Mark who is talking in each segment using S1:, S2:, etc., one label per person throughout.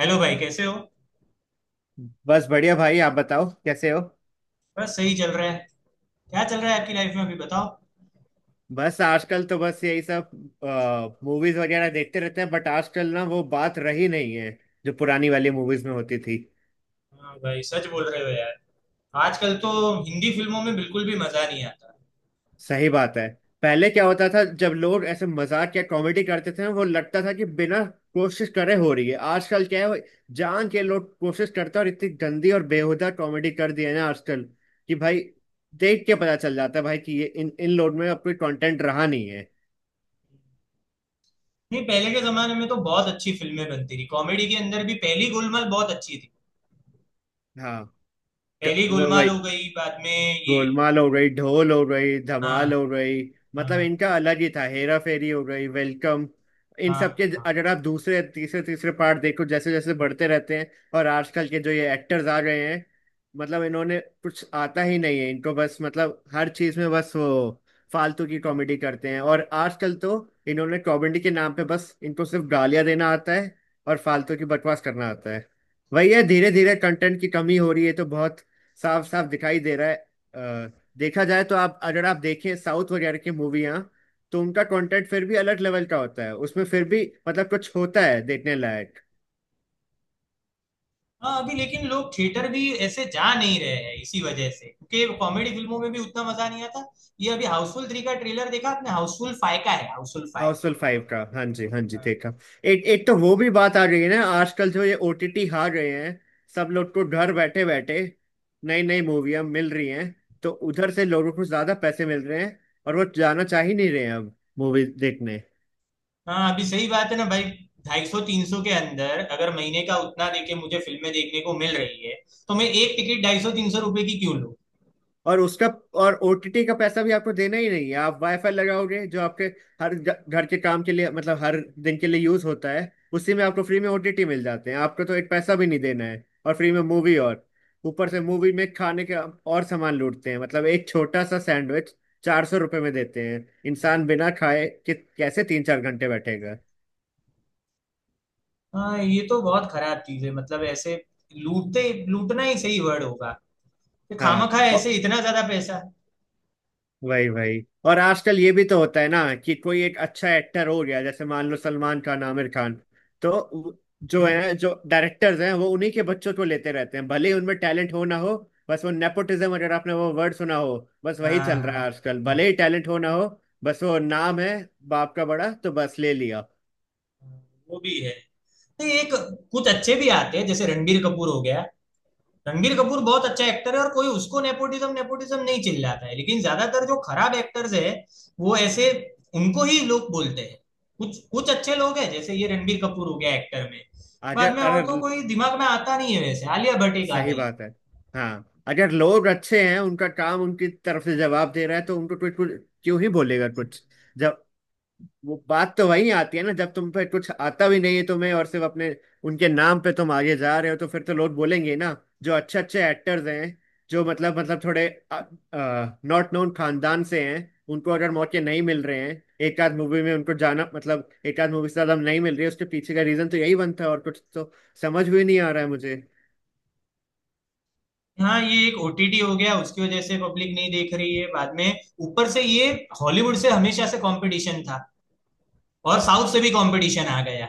S1: Hello भाई, कैसे हो?
S2: बस बढ़िया भाई। आप बताओ कैसे हो।
S1: बस सही चल रहा है। क्या चल रहा है आपकी लाइफ में अभी बताओ।
S2: बस आजकल तो बस यही सब, मूवीज वगैरह देखते रहते हैं। बट आजकल ना वो बात रही नहीं है, जो पुरानी वाली मूवीज में होती थी।
S1: हाँ भाई, सच बोल रहे हो यार। आजकल तो हिंदी फिल्मों में बिल्कुल भी मजा नहीं आता।
S2: सही बात है। पहले क्या होता था, जब लोग ऐसे मजाक या कॉमेडी करते थे ना, वो लगता था कि बिना कोशिश करे हो रही है। आजकल क्या है, वो जान के लोग कोशिश करते हैं और इतनी गंदी और बेहुदा कॉमेडी कर दी है ना आजकल, कि भाई देख के पता चल जाता है भाई कि ये इन इन लोग में अब कोई कंटेंट रहा नहीं है।
S1: नहीं, पहले के जमाने में तो बहुत अच्छी फिल्में बनती थी, कॉमेडी के अंदर भी। पहली गोलमाल बहुत अच्छी थी।
S2: हाँ।
S1: पहली गोलमाल
S2: वही
S1: हो गई, बाद में ये।
S2: गोलमाल हो गई, ढोल हो गई,
S1: हाँ।
S2: धमाल हो गई। मतलब
S1: हाँ।
S2: इनका अलग ही था, हेरा फेरी हो गई, वेलकम। इन
S1: हाँ।
S2: सब के।
S1: हाँ।
S2: अगर आप दूसरे तीसरे तीसरे पार्ट देखो, जैसे जैसे बढ़ते रहते हैं। और आजकल के जो ये एक्टर्स आ गए हैं, मतलब इन्होंने कुछ आता ही नहीं है इनको, बस मतलब हर चीज में बस वो फालतू की कॉमेडी करते हैं। और आजकल तो इन्होंने कॉमेडी के नाम पे बस, इनको सिर्फ गालियां देना आता है और फालतू की बकवास करना आता है। वही है, धीरे धीरे कंटेंट की कमी हो रही है, तो बहुत साफ साफ दिखाई दे रहा है। अ, देखा जाए तो, आप अगर आप देखें साउथ वगैरह की मूवियाँ, तो उनका कंटेंट फिर भी अलग लेवल का होता है, उसमें फिर भी मतलब कुछ होता है देखने लायक।
S1: हाँ, अभी लेकिन लोग थिएटर भी ऐसे जा नहीं रहे हैं इसी वजह से, क्योंकि कॉमेडी फिल्मों में भी उतना मजा नहीं आता। ये अभी हाउसफुल थ्री का ट्रेलर देखा आपने? हाउसफुल फाइव का है, हाउसफुल फाइव।
S2: हाउसफुल 5 का, हाँ जी, हाँ जी, देखा। एक एक तो वो भी बात आ रही है ना, आजकल जो ये ओटीटी आ रहे हैं, सब लोग को घर बैठे बैठे नई नई मूवियाँ मिल रही हैं। तो उधर से लोगों को ज्यादा पैसे मिल रहे हैं, और वो जाना चाह ही नहीं रहे हैं अब मूवी देखने।
S1: हाँ, अभी सही बात है ना भाई। ढाई सौ तीन सौ के अंदर अगर महीने का उतना देके मुझे फिल्में देखने को मिल रही है, तो मैं एक टिकट ढाई सौ तीन सौ रुपए की क्यों लूं?
S2: और उसका, और ओटीटी का पैसा भी आपको देना ही नहीं है। आप वाईफाई लगाओगे जो आपके हर घर के काम के लिए, मतलब हर दिन के लिए यूज होता है, उसी में आपको फ्री में ओटीटी मिल जाते हैं। आपको तो एक पैसा भी नहीं देना है और फ्री में मूवी, और ऊपर से मूवी में खाने के और सामान लूटते हैं, मतलब एक छोटा सा सैंडविच 400 रुपये में देते हैं। इंसान बिना खाए कि कैसे 3 4 घंटे बैठेगा।
S1: हाँ, ये तो बहुत खराब चीज है, मतलब ऐसे लूटते। लूटना ही सही वर्ड होगा, कि खामा
S2: हाँ
S1: खा ऐसे
S2: और।
S1: इतना ज्यादा पैसा।
S2: वही वही। और आजकल ये भी तो होता है ना कि कोई एक अच्छा एक्टर हो गया, जैसे मान लो सलमान खान, आमिर खान, तो जो है, जो डायरेक्टर्स हैं, वो उन्हीं के बच्चों को लेते रहते हैं, भले ही उनमें टैलेंट हो ना हो। बस वो नेपोटिज्म, अगर आपने वो वर्ड सुना हो, बस वही
S1: हाँ।
S2: चल रहा
S1: हाँ।
S2: है आजकल,
S1: हाँ,
S2: भले ही टैलेंट हो ना हो। बस वो नाम है बाप का बड़ा, तो बस ले लिया।
S1: हाँ, वो भी है। तो एक, कुछ अच्छे भी आते हैं जैसे रणबीर कपूर हो गया। रणबीर कपूर बहुत अच्छा एक्टर है और कोई उसको नेपोटिज्म नेपोटिज्म नहीं चिल्लाता है, लेकिन ज्यादातर जो खराब एक्टर्स है वो ऐसे, उनको ही लोग बोलते हैं। कुछ कुछ अच्छे लोग हैं जैसे ये रणबीर कपूर हो गया एक्टर में, बाद
S2: अगर
S1: में। और तो
S2: अगर
S1: कोई दिमाग में आता नहीं है, वैसे आलिया भट्ट एक आ
S2: सही
S1: गई।
S2: बात है। हाँ, अगर लोग अच्छे हैं, उनका काम उनकी तरफ से जवाब दे रहा है, तो उनको कुछ कुछ क्यों ही बोलेगा कुछ। वो बात तो वही आती है ना, जब तुम पे कुछ आता भी नहीं है तुम्हें, और सिर्फ अपने, उनके नाम पे तुम आगे जा रहे हो, तो फिर तो लोग बोलेंगे ना। जो अच्छे अच्छे एक्टर्स हैं, जो मतलब थोड़े नॉट नोन खानदान से हैं, उनको अगर मौके नहीं मिल रहे हैं, एक आध मूवी में उनको जाना, मतलब एक आध मूवी से ज्यादा नहीं मिल रही है, उसके पीछे का रीजन तो यही बनता है। और कुछ तो समझ भी नहीं आ रहा है मुझे।
S1: हाँ, ये एक ओटीटी हो गया, उसकी वजह से पब्लिक नहीं देख रही है। बाद में ऊपर से ये हॉलीवुड से हमेशा से कंपटीशन था, और साउथ से भी कंपटीशन आ गया,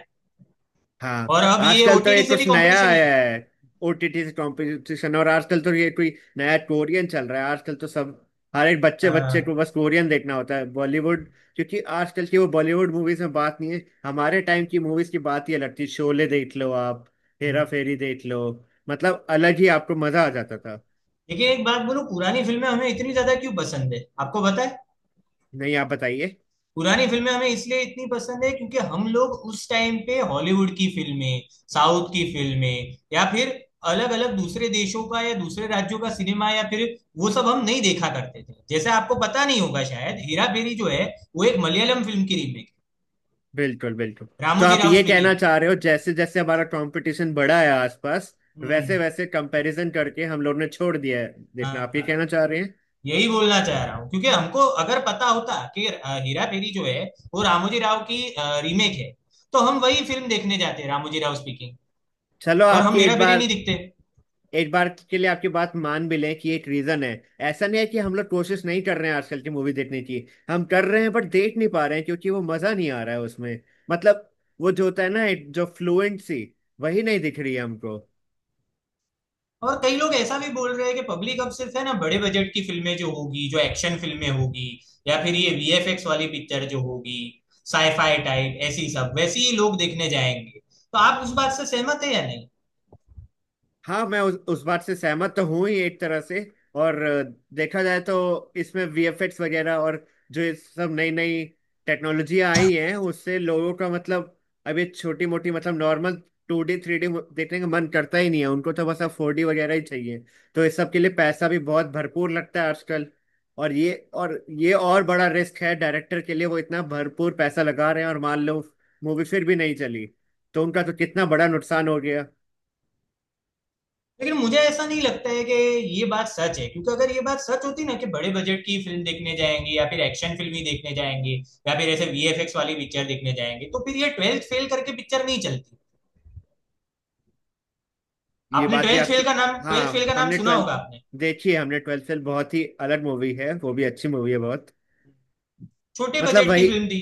S2: हाँ,
S1: और अब ये
S2: आजकल तो ये
S1: ओटीटी से भी
S2: कुछ नया
S1: कंपटीशन ही
S2: आया
S1: है।
S2: है। ओटीटी से कंपटीशन। और आजकल तो ये कोई नया कोरियन चल रहा है, आजकल तो सब, हर एक बच्चे बच्चे
S1: हाँ।
S2: को बस कोरियन देखना होता है बॉलीवुड। क्योंकि आजकल की वो बॉलीवुड मूवीज में बात नहीं है, हमारे टाइम की मूवीज की बात ही अलग थी। शोले देख लो आप, हेरा फेरी देख लो, मतलब अलग ही आपको मजा आ जाता था।
S1: देखिए एक बात बोलूं, पुरानी फिल्में हमें इतनी ज्यादा क्यों पसंद है आपको पता है?
S2: नहीं, आप बताइए।
S1: पुरानी फिल्में हमें इसलिए इतनी पसंद है क्योंकि हम लोग उस टाइम पे हॉलीवुड की फिल्में, साउथ की फिल्में, या फिर अलग अलग दूसरे देशों का या दूसरे राज्यों का सिनेमा, या फिर वो सब हम नहीं देखा करते थे। जैसे आपको पता नहीं होगा शायद, हेरा फेरी जो है वो एक मलयालम फिल्म की रीमेक,
S2: बिल्कुल बिल्कुल। तो
S1: रामोजी
S2: आप
S1: राव
S2: ये
S1: स्पीकिंग।
S2: कहना चाह रहे हो, जैसे जैसे हमारा कंपटीशन बढ़ा है आसपास, वैसे
S1: हम्म।
S2: वैसे कंपैरिजन करके हम लोग ने छोड़ दिया है
S1: हाँ,
S2: देखना, आप ये
S1: हाँ।
S2: कहना चाह रहे हैं?
S1: यही बोलना चाह रहा हूँ, क्योंकि हमको अगर पता होता कि हेरा फेरी जो है वो रामोजी राव की रीमेक है, तो हम वही फिल्म देखने जाते, हैं, रामोजी राव स्पीकिंग।
S2: चलो,
S1: और
S2: आपकी
S1: हम हेरा
S2: एक
S1: फेरी
S2: बार,
S1: नहीं दिखते।
S2: एक बार के लिए आपकी बात मान भी लें कि एक रीजन है। ऐसा नहीं है कि हम लोग कोशिश नहीं कर रहे हैं आजकल की मूवी देखने की, हम कर रहे हैं, बट देख नहीं पा रहे हैं क्योंकि वो मजा नहीं आ रहा है उसमें। मतलब वो जो होता है ना, एक जो फ्लुएंसी, वही नहीं दिख रही है हमको।
S1: और कई लोग ऐसा भी बोल रहे हैं कि पब्लिक अब सिर्फ, है ना, बड़े बजट की फिल्में जो होगी, जो एक्शन फिल्में होगी, या फिर ये वीएफएक्स वाली पिक्चर जो होगी, साईफाई टाइप, ऐसी सब वैसी ही लोग देखने जाएंगे। तो आप उस बात से सहमत है या नहीं?
S2: हाँ, मैं उस बात से सहमत तो हूँ ही एक तरह से। और देखा जाए तो, इसमें वीएफएक्स वगैरह, और जो ये सब नई नई टेक्नोलॉजियाँ आई हैं, उससे लोगों का मतलब, अब ये छोटी मोटी, मतलब नॉर्मल 2D 3D देखने का मन करता ही नहीं है उनको। तो बस अब 4D वगैरह ही चाहिए। तो इस सब के लिए पैसा भी बहुत भरपूर लगता है आजकल। और बड़ा रिस्क है डायरेक्टर के लिए, वो इतना भरपूर पैसा लगा रहे हैं, और मान लो मूवी फिर भी नहीं चली, तो उनका तो कितना बड़ा नुकसान हो गया।
S1: लेकिन मुझे ऐसा नहीं लगता है कि ये बात सच है, क्योंकि अगर ये बात सच होती ना कि बड़े बजट की फिल्म देखने जाएंगे, या फिर एक्शन फिल्म ही देखने जाएंगे, या फिर ऐसे वीएफएक्स वाली पिक्चर देखने जाएंगे, तो फिर ये ट्वेल्थ फेल करके पिक्चर नहीं चलती।
S2: ये
S1: आपने
S2: बात भी
S1: ट्वेल्थ फेल
S2: आपकी।
S1: का नाम, ट्वेल्थ फेल
S2: हाँ,
S1: का नाम
S2: हमने
S1: सुना
S2: 12th
S1: होगा आपने?
S2: देखी है, हमने 12th फेल, बहुत ही अलग मूवी है, वो भी अच्छी मूवी है बहुत।
S1: छोटे
S2: मतलब
S1: बजट की
S2: वही।
S1: फिल्म थी।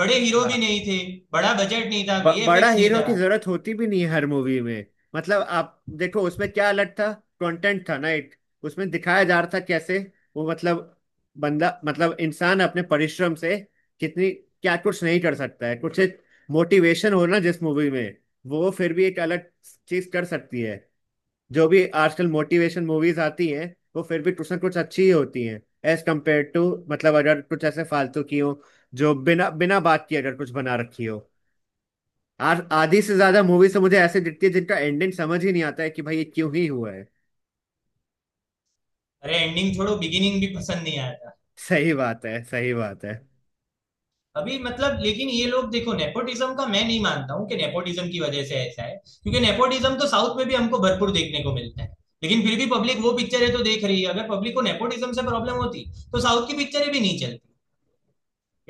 S1: बड़े हीरो भी
S2: हाँ।
S1: नहीं थे। बड़ा बजट नहीं था,
S2: बड़ा
S1: वीएफएक्स नहीं
S2: हीरो
S1: था।
S2: की जरूरत होती भी नहीं है हर मूवी में। मतलब आप देखो उसमें क्या अलग था। कंटेंट था ना एक। उसमें दिखाया जा रहा था कैसे वो, मतलब बंदा, मतलब इंसान अपने परिश्रम से कितनी, क्या कुछ नहीं कर सकता है। कुछ एक मोटिवेशन हो ना जिस मूवी में, वो फिर भी एक अलग चीज कर सकती है। जो भी आजकल मोटिवेशन मूवीज आती हैं, वो फिर भी कुछ ना कुछ अच्छी ही होती हैं, एज कम्पेयर टू, मतलब अगर कुछ ऐसे फालतू की हो, जो बिना बिना बात किए अगर कुछ बना रखी हो। आज आधी से ज्यादा मूवी से मुझे ऐसे दिखती है, जिनका एंडिंग समझ ही नहीं आता है कि भाई ये क्यों ही हुआ है।
S1: अरे एंडिंग छोड़ो, बिगिनिंग भी पसंद नहीं आया था।
S2: सही बात है, सही बात है।
S1: अभी मतलब, लेकिन ये लोग देखो, नेपोटिज्म का मैं नहीं मानता हूँ कि नेपोटिज्म की वजह से ऐसा है, क्योंकि नेपोटिज्म तो साउथ में भी हमको भरपूर देखने को मिलता है, लेकिन फिर भी पब्लिक वो पिक्चरें तो देख रही है। अगर पब्लिक को नेपोटिज्म से प्रॉब्लम होती, तो साउथ की पिक्चरें भी नहीं चलती।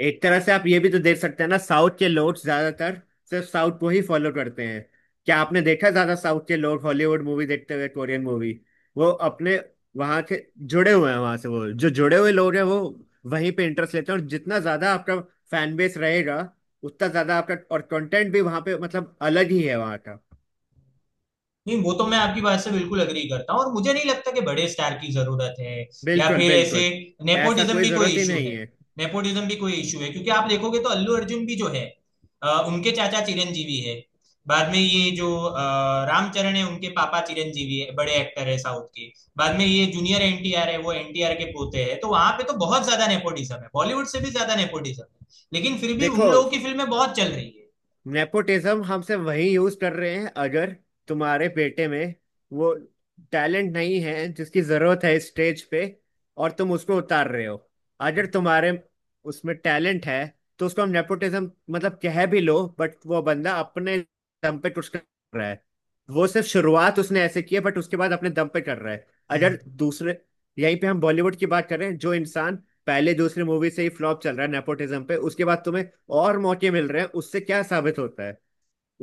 S2: एक तरह से आप ये भी तो देख सकते हैं ना, साउथ के लोग ज्यादातर सिर्फ साउथ को ही फॉलो करते हैं। क्या आपने देखा ज्यादा साउथ के लोग हॉलीवुड मूवी देखते हुए, कोरियन मूवी? वो अपने वहां के जुड़े हुए हैं, वहां से, वो जो जुड़े हुए लोग हैं वो वहीं पे इंटरेस्ट लेते हैं। और जितना ज्यादा आपका फैन बेस रहेगा, उतना ज्यादा आपका और कंटेंट भी वहां पे, मतलब अलग ही है वहां का।
S1: नहीं, वो तो मैं आपकी बात से बिल्कुल अग्री करता हूँ और मुझे नहीं लगता कि बड़े स्टार की जरूरत है, या
S2: बिल्कुल
S1: फिर ऐसे
S2: बिल्कुल। ऐसा
S1: नेपोटिज्म
S2: कोई
S1: भी कोई
S2: जरूरत ही
S1: इशू
S2: नहीं
S1: है।
S2: है।
S1: नेपोटिज्म भी कोई इशू है, क्योंकि आप देखोगे तो अल्लू अर्जुन भी जो है, उनके चाचा चिरंजीवी है। बाद में ये जो रामचरण है उनके पापा चिरंजीवी है, बड़े एक्टर है साउथ के। बाद में ये जूनियर एनटीआर है, वो एनटीआर के पोते हैं। तो वहां पे तो बहुत ज्यादा नेपोटिज्म है, बॉलीवुड से भी ज्यादा नेपोटिज्म है, लेकिन फिर भी उन
S2: देखो,
S1: लोगों की फिल्में बहुत चल रही
S2: नेपोटिज्म हमसे वही यूज कर रहे हैं, अगर तुम्हारे बेटे में वो टैलेंट नहीं है जिसकी जरूरत है स्टेज पे, और तुम उसको उतार रहे हो। अगर तुम्हारे उसमें टैलेंट है, तो उसको हम नेपोटिज्म मतलब कह भी लो, बट वो बंदा अपने दम पे कुछ कर रहा है। वो सिर्फ शुरुआत उसने ऐसे की है, बट उसके बाद अपने दम पे कर रहा है। अगर
S1: है।
S2: दूसरे, यहीं पे हम बॉलीवुड की बात करें, जो इंसान पहले दूसरी मूवी से ही फ्लॉप चल रहा है नेपोटिज्म पे, उसके बाद तुम्हें और मौके मिल रहे हैं, उससे क्या साबित होता है?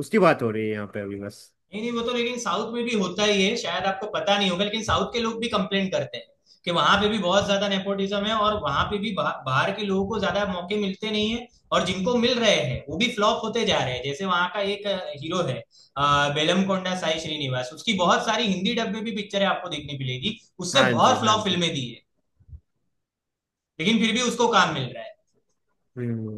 S2: उसकी बात हो रही है यहाँ पे अभी बस।
S1: नहीं नहीं, वो तो लेकिन साउथ में भी होता ही है। शायद आपको पता नहीं होगा, लेकिन साउथ के लोग भी कंप्लेन करते हैं कि वहां पे भी बहुत ज्यादा नेपोटिज्म है, और वहां पे भी बाहर के लोगों को ज्यादा मौके मिलते नहीं है, और जिनको मिल रहे हैं वो भी फ्लॉप होते जा रहे हैं। जैसे वहां का एक हीरो है, बेलमकोंडा साई श्रीनिवास, उसकी बहुत सारी हिंदी डब में भी पिक्चरें आपको देखने मिलेगी। उसने
S2: हाँ जी,
S1: बहुत
S2: हाँ
S1: फ्लॉप
S2: जी।
S1: फिल्में दी है, लेकिन फिर भी उसको काम मिल रहा है।
S2: हम्म।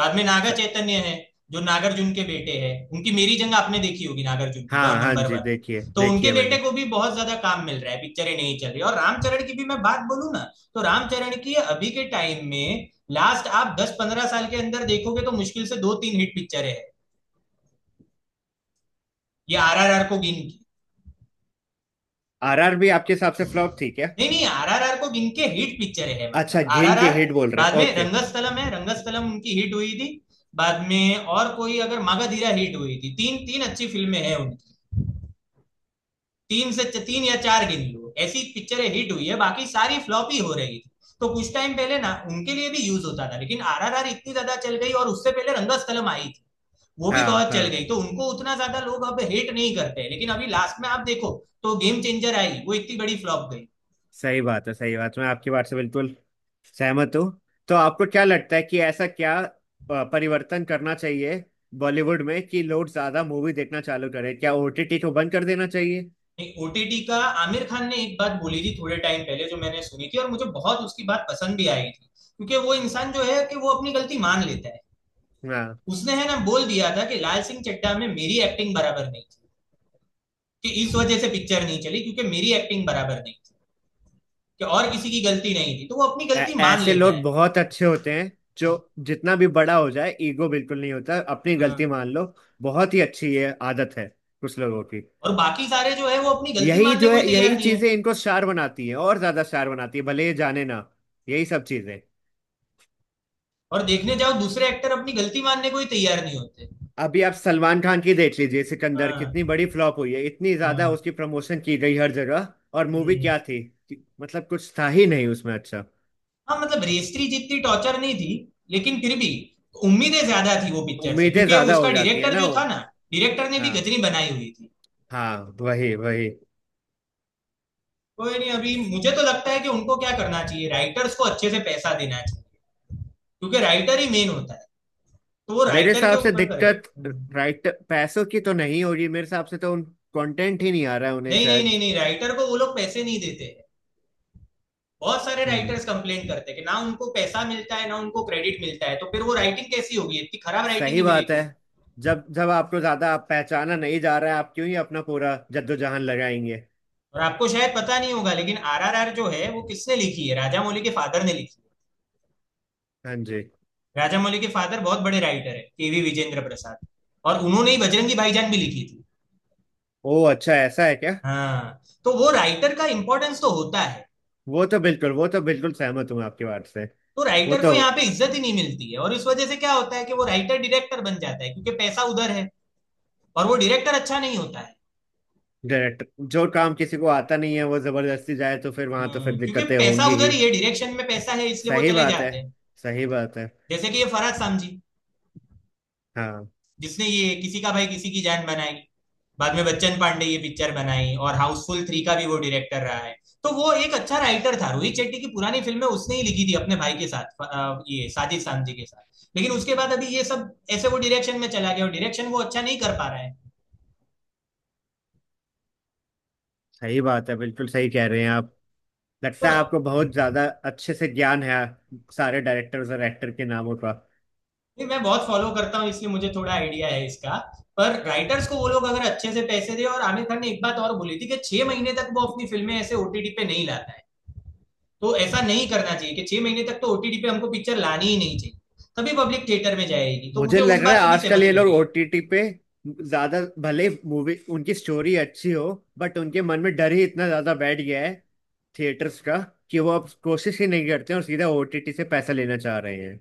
S1: बाद में नागा
S2: अच्छा,
S1: चैतन्य है, जो नागार्जुन के बेटे हैं। उनकी मेरी जंग आपने देखी होगी, नागार्जुन की
S2: हाँ,
S1: डॉन
S2: हाँ
S1: नंबर
S2: जी,
S1: वन।
S2: देखिए,
S1: तो उनके
S2: देखिए
S1: बेटे
S2: मैंने।
S1: को भी बहुत ज्यादा काम मिल रहा है, पिक्चरें नहीं चल रही। और रामचरण की भी मैं बात बोलू ना, तो रामचरण की अभी के टाइम में लास्ट आप 10-15 साल के अंदर देखोगे तो मुश्किल से दो तीन हिट पिक्चरें हैं, ये आरआरआर को गिन की।
S2: आरआर भी आपके हिसाब से फ्लॉप थी क्या?
S1: नहीं नहीं, आरआरआर को गिन के हिट पिक्चरें हैं, मतलब
S2: अच्छा, घिन के
S1: आरआरआर।
S2: हिट बोल रहे
S1: बाद
S2: हैं,
S1: में
S2: ओके।
S1: रंगस्थलम है, रंगस्थलम उनकी हिट हुई थी। बाद में और कोई अगर मागाधीरा हिट हुई थी। तीन तीन अच्छी फिल्में हैं उनकी, तीन से तीन या चार गिन लो ऐसी पिक्चरें हिट हुई है, बाकी सारी फ्लॉप ही हो रही थी। तो कुछ टाइम पहले ना उनके लिए भी यूज होता था, लेकिन आरआरआर इतनी ज्यादा चल गई, और उससे पहले रंगस्थलम आई थी, वो भी
S2: हाँ,
S1: बहुत चल
S2: हाँ।
S1: गई, तो उनको उतना ज्यादा लोग अब हेट नहीं करते हैं। लेकिन अभी लास्ट में आप देखो, तो गेम चेंजर आई, वो इतनी बड़ी फ्लॉप गई।
S2: सही बात है, सही बात है। मैं आपकी बात से बिल्कुल सहमत हूँ। तो आपको क्या लगता है कि ऐसा क्या परिवर्तन करना चाहिए बॉलीवुड में, कि लोग ज्यादा मूवी देखना चालू करें? क्या ओटीटी को बंद कर देना चाहिए?
S1: ओटीटी का, आमिर खान ने एक बात बोली थी थोड़े टाइम पहले जो मैंने सुनी थी, और मुझे बहुत उसकी बात पसंद भी आई थी, क्योंकि वो इंसान जो है कि वो अपनी गलती मान लेता है।
S2: हाँ।
S1: उसने, है ना, बोल दिया था कि लाल सिंह चड्डा में मेरी एक्टिंग बराबर नहीं थी, कि इस वजह से पिक्चर नहीं चली, क्योंकि मेरी एक्टिंग बराबर नहीं थी, कि और किसी की गलती नहीं थी। तो वो अपनी गलती मान
S2: ऐसे
S1: लेता
S2: लोग
S1: है,
S2: बहुत अच्छे होते हैं, जो जितना भी बड़ा हो जाए ईगो बिल्कुल नहीं होता, अपनी गलती मान लो। बहुत ही अच्छी ये आदत है कुछ लोगों की।
S1: और बाकी सारे जो है वो अपनी गलती
S2: यही
S1: मानने
S2: जो
S1: को
S2: है,
S1: ही तैयार
S2: यही
S1: नहीं है।
S2: चीजें इनको स्टार बनाती है और ज्यादा स्टार बनाती है, भले ये जाने ना, यही सब चीजें।
S1: और देखने जाओ दूसरे एक्टर अपनी गलती मानने को ही तैयार नहीं होते।
S2: अभी आप सलमान खान की देख लीजिए, सिकंदर
S1: हाँ।
S2: कितनी बड़ी फ्लॉप हुई है, इतनी ज्यादा
S1: हाँ,
S2: उसकी प्रमोशन की गई हर जगह। और मूवी
S1: हम्म।
S2: क्या थी? मतलब कुछ था ही नहीं उसमें अच्छा।
S1: हाँ, मतलब रेस्त्री जितनी टॉर्चर नहीं थी, लेकिन फिर भी उम्मीदें ज्यादा थी वो पिक्चर से,
S2: उम्मीदें
S1: क्योंकि
S2: ज्यादा हो
S1: उसका
S2: जाती है
S1: डायरेक्टर
S2: ना
S1: जो
S2: वो।
S1: था ना, डायरेक्टर ने भी
S2: हाँ,
S1: गजनी बनाई हुई थी।
S2: हाँ, वही वही।
S1: कोई नहीं, अभी मुझे तो लगता है कि उनको क्या करना चाहिए, राइटर्स को अच्छे से पैसा देना चाहिए, क्योंकि राइटर ही मेन होता है, तो वो
S2: मेरे
S1: राइटर के
S2: हिसाब से
S1: ऊपर करे।
S2: दिक्कत।
S1: नहीं,
S2: राइट, पैसों की तो नहीं हो रही मेरे हिसाब से, तो उन, कंटेंट ही नहीं आ रहा है उन्हें
S1: नहीं, नहीं,
S2: शायद।
S1: नहीं, राइटर को वो लोग पैसे नहीं देते हैं। बहुत सारे
S2: हम्म।
S1: राइटर्स कंप्लेन करते हैं कि ना उनको पैसा मिलता है, ना उनको क्रेडिट मिलता है, तो फिर वो राइटिंग कैसी होगी, इतनी खराब राइटिंग
S2: सही
S1: ही
S2: बात है।
S1: मिलेगी।
S2: जब जब आपको ज्यादा, आप पहचाना नहीं जा रहा है, आप क्यों ही अपना पूरा जद्दोजहद लगाएंगे।
S1: और आपको शायद पता नहीं होगा, लेकिन आरआरआर जो है वो किसने लिखी है, राजा मौली के फादर ने लिखी है।
S2: हाँ जी।
S1: राजा मौली के फादर बहुत बड़े राइटर है, केवी विजेंद्र प्रसाद, और उन्होंने ही बजरंगी भाईजान भी लिखी थी।
S2: ओ अच्छा, ऐसा है क्या?
S1: हाँ, तो वो राइटर का इम्पोर्टेंस तो होता है।
S2: वो तो बिल्कुल सहमत हूँ आपकी बात से।
S1: तो
S2: वो
S1: राइटर को
S2: तो,
S1: यहाँ पे इज्जत ही नहीं मिलती है, और इस वजह से क्या होता है कि वो राइटर डायरेक्टर बन जाता है, क्योंकि पैसा उधर है, और वो डायरेक्टर अच्छा नहीं होता है।
S2: डायरेक्ट जो काम किसी को आता नहीं है, वो जबरदस्ती जाए, तो फिर वहां तो फिर
S1: क्योंकि
S2: दिक्कतें
S1: पैसा
S2: होंगी
S1: उधर
S2: ही।
S1: ही है, डायरेक्शन में पैसा है, इसलिए वो
S2: सही
S1: चले
S2: बात है,
S1: जाते हैं।
S2: सही बात है।
S1: जैसे कि ये फरहद सामजी,
S2: हाँ,
S1: जिसने ये किसी का भाई किसी की जान बनाई, बाद में बच्चन पांडे ये पिक्चर बनाई, और हाउसफुल थ्री का भी वो डायरेक्टर रहा है। तो वो एक अच्छा राइटर था, रोहित शेट्टी की पुरानी फिल्में उसने ही लिखी थी अपने भाई के साथ, ये साजिद सामजी के साथ। लेकिन उसके बाद अभी ये सब ऐसे वो डायरेक्शन में चला गया, और डायरेक्शन वो अच्छा नहीं कर पा रहा है।
S2: सही बात है, बिल्कुल सही कह रहे हैं आप।
S1: तो
S2: लगता है
S1: र-
S2: आपको बहुत ज्यादा अच्छे से ज्ञान है सारे डायरेक्टर्स और एक्टर के नामों का।
S1: नहीं, मैं बहुत फॉलो करता हूँ इसलिए मुझे थोड़ा आइडिया है इसका। पर राइटर्स को वो लोग अगर अच्छे से पैसे दे, और आमिर खान ने एक बात और बोली थी कि 6 महीने तक वो अपनी फिल्में ऐसे ओटीटी पे नहीं लाता है। तो ऐसा नहीं करना चाहिए कि 6 महीने तक तो ओटीटी पे हमको पिक्चर लानी ही नहीं चाहिए, तभी पब्लिक थिएटर में जाएगी, तो
S2: मुझे
S1: मुझे उस
S2: लग रहा
S1: बात
S2: है
S1: से भी
S2: आजकल
S1: सहमति
S2: ये
S1: लग
S2: लोग
S1: रही है।
S2: ओटीटी पे ज्यादा, भले मूवी उनकी स्टोरी अच्छी हो, बट उनके मन में डर ही इतना ज्यादा बैठ गया है थिएटर्स का, कि वो अब कोशिश ही नहीं करते और सीधा ओटीटी से पैसा लेना चाह रहे हैं,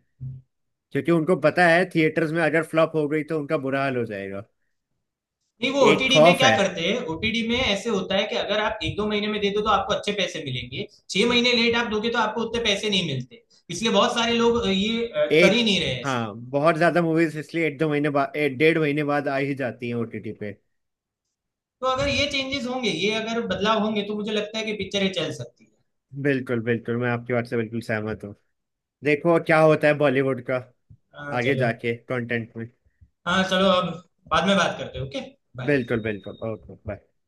S2: क्योंकि उनको पता है थिएटर्स में अगर फ्लॉप हो गई तो उनका बुरा हाल हो जाएगा।
S1: नहीं वो
S2: एक
S1: ओटीडी में
S2: खौफ
S1: क्या
S2: है।
S1: करते हैं, ओटीडी में ऐसे होता है कि अगर आप एक दो महीने में दे दो तो आपको अच्छे पैसे मिलेंगे, 6 महीने लेट आप दोगे तो आपको उतने पैसे नहीं मिलते, इसलिए बहुत सारे लोग ये कर ही
S2: एक
S1: नहीं रहे ऐसे।
S2: हाँ, बहुत ज्यादा मूवीज इसलिए 1 2 महीने बाद, 1 डेढ़ महीने बाद आ ही जाती हैं ओटीटी पे।
S1: तो अगर ये चेंजेस होंगे, ये अगर बदलाव होंगे, तो मुझे लगता है कि पिक्चरें चल सकती है।
S2: बिल्कुल बिल्कुल, मैं आपकी बात से बिल्कुल सहमत हूँ। देखो क्या होता है बॉलीवुड का
S1: हाँ
S2: आगे
S1: चलो।
S2: जाके कंटेंट में।
S1: हाँ, चलो अब बाद में बात करते हैं। Okay, bye.
S2: बिल्कुल बिल्कुल, ओके, बाय।